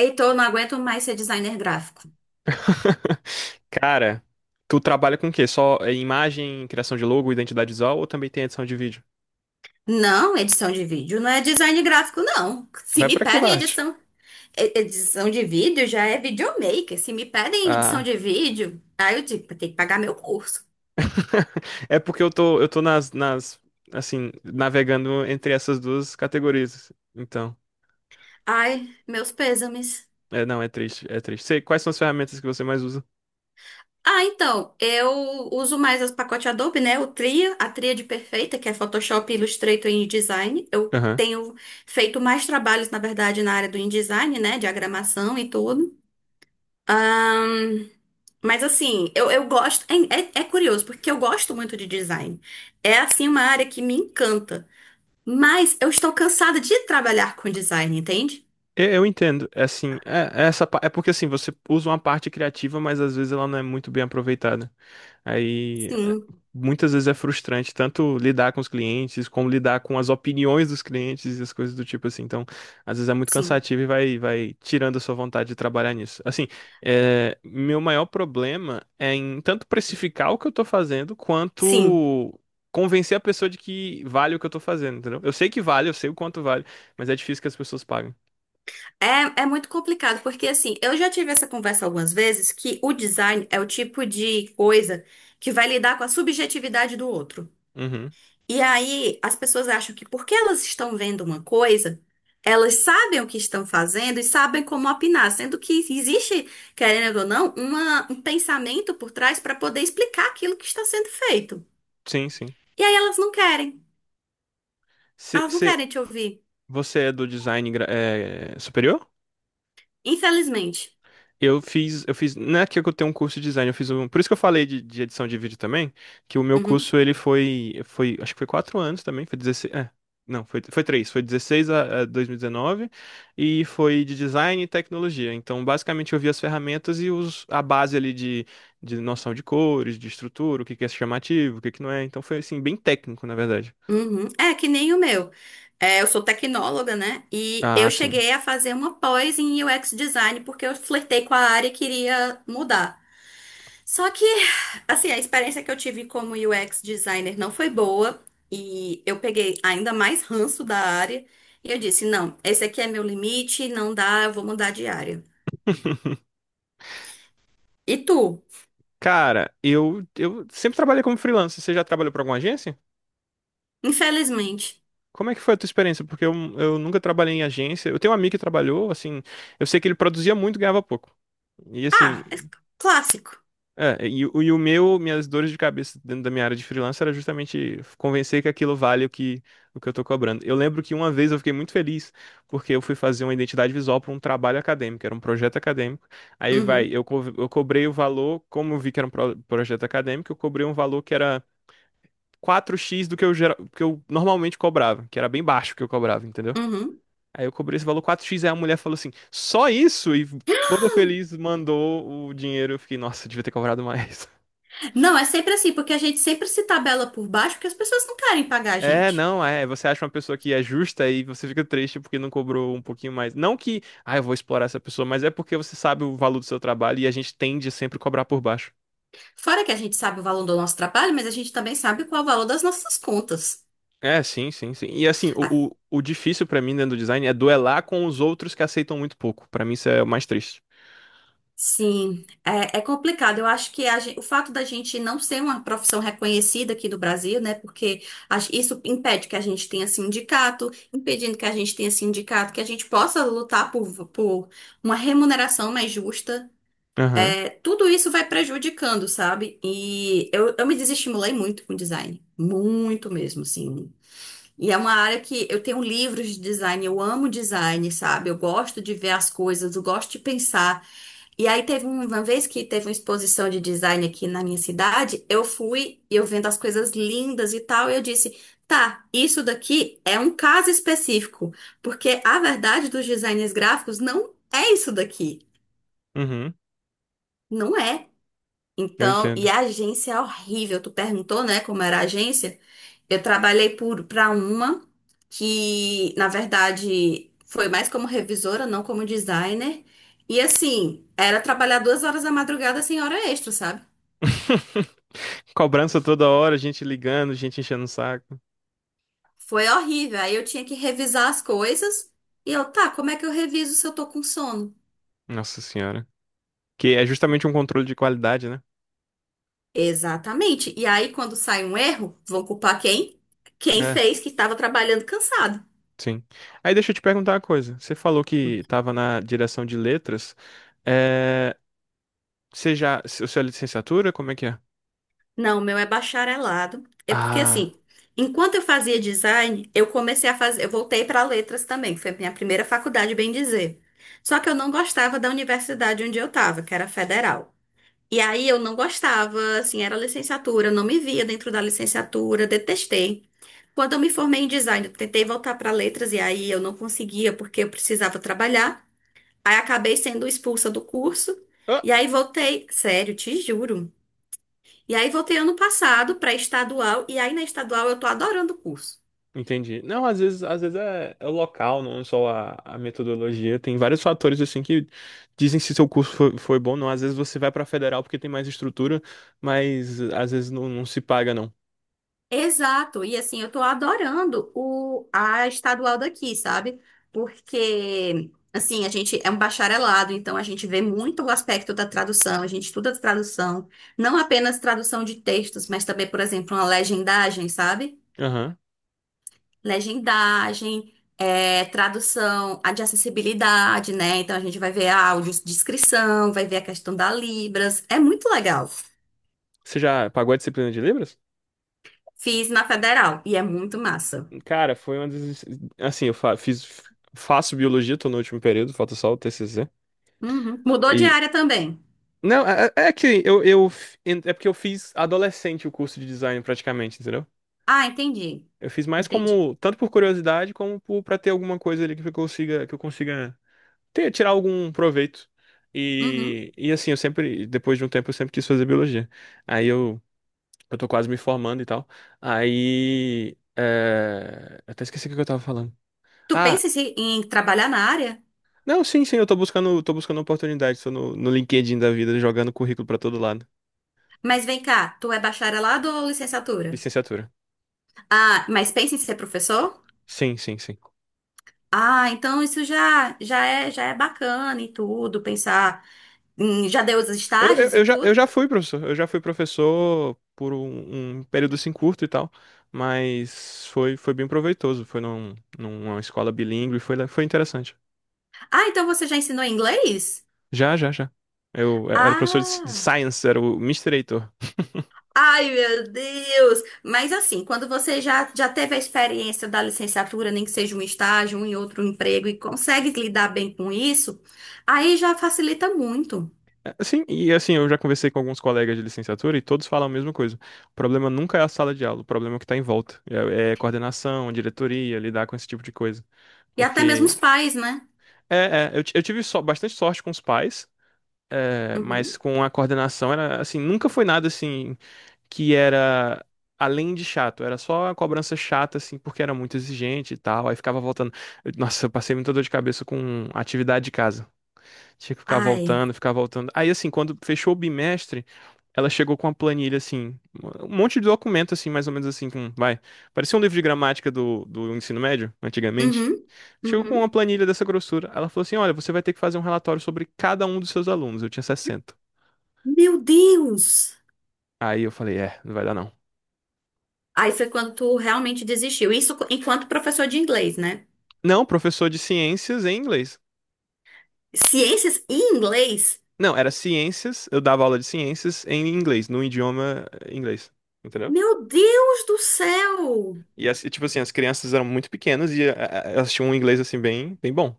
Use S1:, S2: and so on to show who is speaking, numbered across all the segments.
S1: Heitor, eu não aguento mais ser designer gráfico.
S2: Cara, tu trabalha com o quê? Só imagem, criação de logo, identidade visual ou também tem edição de vídeo?
S1: Não, edição de vídeo não é design gráfico, não. Se
S2: Vai
S1: me
S2: pra que
S1: pedem
S2: parte?
S1: edição, edição de vídeo, já é videomaker. Se me pedem edição
S2: Ah,
S1: de vídeo, aí eu digo, tem que pagar meu curso.
S2: é porque eu tô nas, assim, navegando entre essas duas categorias. Então,
S1: Ai, meus pêsames.
S2: não, é triste, é triste. Sei, quais são as ferramentas que você mais usa?
S1: Ah, então, eu uso mais os pacotes Adobe, né? O Tria, a Tríade Perfeita, que é Photoshop, Illustrator e InDesign. Eu
S2: Aham.
S1: tenho feito mais trabalhos, na verdade, na área do InDesign, né? Diagramação e tudo. Ahn, mas assim, eu gosto. É curioso, porque eu gosto muito de design. É assim uma área que me encanta. Mas eu estou cansada de trabalhar com design, entende?
S2: Eu entendo, é assim, é essa, é porque assim, você usa uma parte criativa, mas às vezes ela não é muito bem aproveitada. Aí
S1: Sim,
S2: muitas vezes é frustrante tanto lidar com os clientes, como lidar com as opiniões dos clientes e as coisas do tipo assim. Então, às vezes é muito
S1: sim,
S2: cansativo e vai tirando a sua vontade de trabalhar nisso. Assim, meu maior problema é em tanto precificar o que eu tô fazendo,
S1: sim.
S2: quanto convencer a pessoa de que vale o que eu tô fazendo, entendeu? Eu sei que vale, eu sei o quanto vale, mas é difícil que as pessoas paguem.
S1: É, é muito complicado, porque assim, eu já tive essa conversa algumas vezes que o design é o tipo de coisa que vai lidar com a subjetividade do outro.
S2: Uhum.
S1: E aí, as pessoas acham que porque elas estão vendo uma coisa, elas sabem o que estão fazendo e sabem como opinar, sendo que existe, querendo ou não, um pensamento por trás para poder explicar aquilo que está sendo feito.
S2: Sim, sim.
S1: E aí
S2: Cê-
S1: elas não
S2: cê-
S1: querem te ouvir,
S2: Você é do design é, superior?
S1: infelizmente.
S2: Eu fiz, não é que eu tenho um curso de design, eu fiz um, por isso que eu falei de edição de vídeo também, que o meu
S1: Uhum,
S2: curso ele foi, acho que foi 4 anos também, foi 16, não, foi três, foi 16 a 2019 e 19, e foi de design e tecnologia. Então, basicamente eu vi as ferramentas e a base ali de noção de cores, de estrutura, o que que é chamativo, o que que não é. Então foi assim bem técnico, na verdade.
S1: uhum. É que nem o meu. É, eu sou tecnóloga, né? E
S2: Ah,
S1: eu
S2: sim.
S1: cheguei a fazer uma pós em UX design porque eu flertei com a área e queria mudar. Só que, assim, a experiência que eu tive como UX designer não foi boa e eu peguei ainda mais ranço da área e eu disse, não, esse aqui é meu limite, não dá, eu vou mudar de área. E tu?
S2: Cara, eu sempre trabalhei como freelancer. Você já trabalhou para alguma agência?
S1: Infelizmente.
S2: Como é que foi a tua experiência? Porque eu nunca trabalhei em agência. Eu tenho um amigo que trabalhou, assim, eu sei que ele produzia muito e ganhava pouco. E assim,
S1: Ah, é clássico.
S2: minhas dores de cabeça dentro da minha área de freelancer era justamente convencer que aquilo vale o que eu tô cobrando. Eu lembro que uma vez eu fiquei muito feliz porque eu fui fazer uma identidade visual para um trabalho acadêmico, era um projeto acadêmico. Aí vai,
S1: Uhum,
S2: eu cobrei o valor, como eu vi que era um projeto acadêmico, eu cobrei um valor que era 4x do que que eu normalmente cobrava, que era bem baixo o que eu cobrava, entendeu?
S1: uhum.
S2: Aí eu cobrei esse valor 4x, aí a mulher falou assim, só isso? E toda feliz mandou o dinheiro. Eu fiquei, nossa, devia ter cobrado mais.
S1: Não, é sempre assim, porque a gente sempre se tabela por baixo porque as pessoas não querem pagar a
S2: É,
S1: gente.
S2: não, é. Você acha uma pessoa que é justa e você fica triste porque não cobrou um pouquinho mais. Não que, ah, eu vou explorar essa pessoa, mas é porque você sabe o valor do seu trabalho e a gente tende a sempre cobrar por baixo.
S1: Fora que a gente sabe o valor do nosso trabalho, mas a gente também sabe qual é o valor das nossas contas.
S2: É, sim, sim, sim. E assim,
S1: A-
S2: o difícil pra mim dentro do design é duelar com os outros que aceitam muito pouco. Pra mim isso é o mais triste.
S1: Sim, é, é complicado. Eu acho que o fato da gente não ser uma profissão reconhecida aqui do Brasil, né? Porque isso impede que a gente tenha sindicato, impedindo que a gente tenha sindicato, que a gente possa lutar por uma remuneração mais justa.
S2: Aham,
S1: É, tudo isso vai prejudicando, sabe? E eu me desestimulei muito com design. Muito mesmo, sim. E é uma área que eu tenho livros de design, eu amo design, sabe? Eu gosto de ver as coisas, eu gosto de pensar. E aí teve uma vez que teve uma exposição de design aqui na minha cidade, eu fui e eu vendo as coisas lindas e tal, e eu disse, tá, isso daqui é um caso específico, porque a verdade dos designers gráficos não é isso daqui.
S2: uhum,
S1: Não é.
S2: eu
S1: Então, e
S2: entendo.
S1: a agência é horrível. Tu perguntou, né, como era a agência? Eu trabalhei por para uma que, na verdade, foi mais como revisora, não como designer. E assim, era trabalhar duas horas da madrugada sem hora extra, sabe?
S2: Cobrança toda hora, gente ligando, gente enchendo o saco.
S1: Foi horrível. Aí eu tinha que revisar as coisas. E eu, tá, como é que eu reviso se eu tô com sono?
S2: Nossa senhora. Que é justamente um controle de qualidade, né?
S1: Exatamente. E aí, quando sai um erro, vão culpar quem? Quem
S2: É,
S1: fez que estava trabalhando cansado.
S2: sim. Aí deixa eu te perguntar uma coisa. Você falou que estava na direção de letras. É... Você já. Se- Sua licenciatura, como é que é?
S1: Não, o meu é bacharelado. É porque
S2: Ah.
S1: assim, enquanto eu fazia design, eu comecei a fazer, eu voltei para letras também, que foi a minha primeira faculdade, bem dizer. Só que eu não gostava da universidade onde eu estava, que era federal. E aí eu não gostava, assim, era licenciatura, eu não me via dentro da licenciatura, detestei. Quando eu me formei em design, eu tentei voltar para letras e aí eu não conseguia porque eu precisava trabalhar. Aí acabei sendo expulsa do curso
S2: Ah,
S1: e aí voltei, sério, te juro. E aí voltei ano passado para estadual, e aí na estadual eu tô adorando o curso.
S2: entendi. Não, às vezes é o local, não só a metodologia. Tem vários fatores assim que dizem se seu curso foi bom ou não. Às vezes você vai para federal porque tem mais estrutura, mas às vezes não, não se paga, não.
S1: Exato, e assim, eu tô adorando a estadual daqui, sabe? Porque, assim, a gente é um bacharelado, então a gente vê muito o aspecto da tradução, a gente estuda tradução, não apenas tradução de textos, mas também, por exemplo, uma legendagem, sabe?
S2: Aham.
S1: Legendagem, é, tradução a de acessibilidade, né? Então a gente vai ver áudios, descrição, vai ver a questão da Libras, é muito legal.
S2: Você já pagou a disciplina de Libras?
S1: Fiz na federal e é muito massa.
S2: Cara, foi uma das. Assim, eu faço biologia, tô no último período, falta só o TCC.
S1: Uhum. Mudou de
S2: E.
S1: área também.
S2: Não, é que É porque eu fiz adolescente o curso de design praticamente, entendeu?
S1: Ah, entendi.
S2: Eu fiz mais
S1: Entendi.
S2: como. Tanto por curiosidade, como por, pra ter alguma coisa ali que eu consiga. Que eu consiga tirar algum proveito.
S1: Uhum.
S2: E, assim, eu sempre. Depois de um tempo, eu sempre quis fazer biologia. Aí eu. Eu tô quase me formando e tal. Aí. Eu até esqueci o que eu tava falando.
S1: Tu
S2: Ah,
S1: pensa em em trabalhar na área?
S2: não, sim, sim, eu tô buscando oportunidade. Tô no LinkedIn da vida, jogando currículo pra todo lado.
S1: Mas vem cá, tu é bacharelado ou licenciatura?
S2: Licenciatura.
S1: Ah, mas pensa em ser professor?
S2: Sim, sim, sim.
S1: Ah, então isso já é bacana e tudo, pensar em, já deu os
S2: Eu, eu,
S1: estágios e
S2: eu já, eu
S1: tudo.
S2: já fui professor. Eu já fui professor por um período assim curto e tal. Mas foi bem proveitoso. Foi numa escola bilíngue, foi interessante.
S1: Ah, então você já ensinou inglês?
S2: Já, já, já. Eu era professor de
S1: Ah.
S2: Science, era o Mister Heitor.
S1: Ai, meu Deus! Mas assim, quando você já, já teve a experiência da licenciatura, nem que seja um estágio, um em outro emprego, e consegue lidar bem com isso, aí já facilita muito.
S2: Sim, e assim, eu já conversei com alguns colegas de licenciatura e todos falam a mesma coisa. O problema nunca é a sala de aula, o problema é o que está em volta. É coordenação, diretoria, lidar com esse tipo de coisa.
S1: E até mesmo os
S2: Porque
S1: pais, né?
S2: eu tive só, bastante sorte com os pais, mas
S1: Uhum.
S2: com a coordenação era assim, nunca foi nada assim que era além de chato, era só a cobrança chata, assim, porque era muito exigente e tal. Aí ficava voltando. Nossa, eu passei muita dor de cabeça com atividade de casa. Tinha que ficar
S1: Ai.
S2: voltando, ficar voltando. Aí, assim, quando fechou o bimestre, ela chegou com uma planilha, assim, um monte de documento, assim, mais ou menos assim, com, vai, parecia um livro de gramática do ensino médio, antigamente.
S1: Uhum.
S2: Chegou com uma
S1: Uhum.
S2: planilha dessa grossura. Ela falou assim, olha, você vai ter que fazer um relatório sobre cada um dos seus alunos. Eu tinha 60.
S1: Meu Deus!
S2: Aí eu falei, não vai dar não.
S1: Aí foi quando tu realmente desistiu. Isso enquanto professor de inglês, né?
S2: Não, professor de ciências em inglês.
S1: Ciências e inglês?
S2: Não, era ciências, eu dava aula de ciências em inglês, no idioma inglês. Entendeu?
S1: Meu Deus do céu!
S2: E, tipo assim, as crianças eram muito pequenas e elas tinham um inglês, assim, bem, bem bom.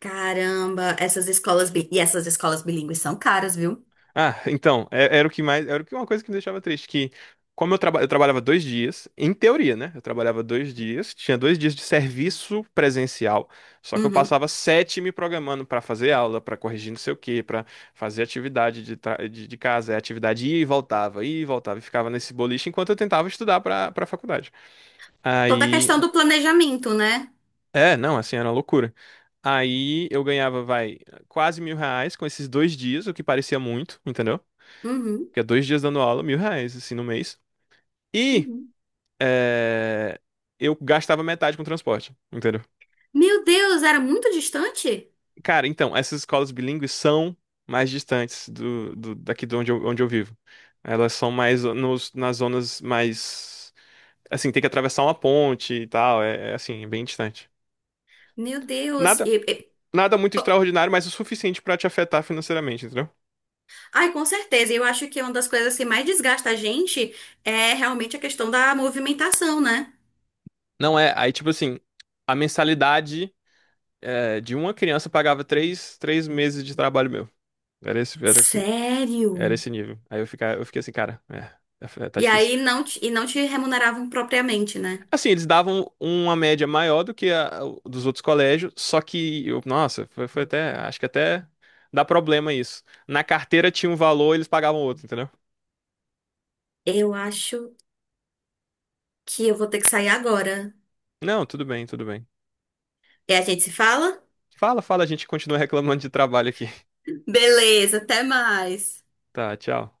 S1: Caramba, e essas escolas bilíngues são caras, viu?
S2: Ah, então, era o que mais, era o que uma coisa que me deixava triste, que como eu trabalhava 2 dias, em teoria, né? Eu trabalhava dois dias, tinha 2 dias de serviço presencial, só que eu
S1: Uhum.
S2: passava sete me programando pra fazer aula, pra corrigir não sei o quê, pra fazer atividade de casa, atividade ia e voltava, e ficava nesse boliche enquanto eu tentava estudar pra para faculdade.
S1: Toda a
S2: Aí,
S1: questão do planejamento, né?
S2: não, assim, era uma loucura. Aí eu ganhava, vai, quase R$ 1.000 com esses 2 dias, o que parecia muito, entendeu?
S1: Uhum,
S2: Porque é 2 dias dando aula, R$ 1.000, assim, no mês. E
S1: uhum.
S2: é, eu gastava metade com transporte, entendeu?
S1: Meu Deus, era muito distante?
S2: Cara, então, essas escolas bilíngues são mais distantes daqui de onde onde eu vivo. Elas são mais nas zonas mais. Assim, tem que atravessar uma ponte e tal, é assim, bem distante.
S1: Meu Deus.
S2: Nada, nada muito extraordinário, mas o suficiente pra te afetar financeiramente, entendeu?
S1: Ai, com certeza. Eu acho que uma das coisas que mais desgasta a gente é realmente a questão da movimentação, né?
S2: Não é, aí tipo assim, a mensalidade de uma criança pagava três meses de trabalho meu. Era esse, era esse,
S1: Sério?
S2: era esse nível. Aí eu fiquei assim, cara, tá
S1: E
S2: difícil.
S1: aí não te, e não te remuneravam propriamente, né?
S2: Assim, eles davam uma média maior do que dos outros colégios, só que, eu, nossa, foi até, acho que até dá problema isso. Na carteira tinha um valor, eles pagavam outro, entendeu?
S1: Eu acho que eu vou ter que sair agora.
S2: Não, tudo bem, tudo bem.
S1: E a gente se fala?
S2: Fala, fala, a gente continua reclamando de trabalho aqui.
S1: Beleza, até mais.
S2: Tá, tchau.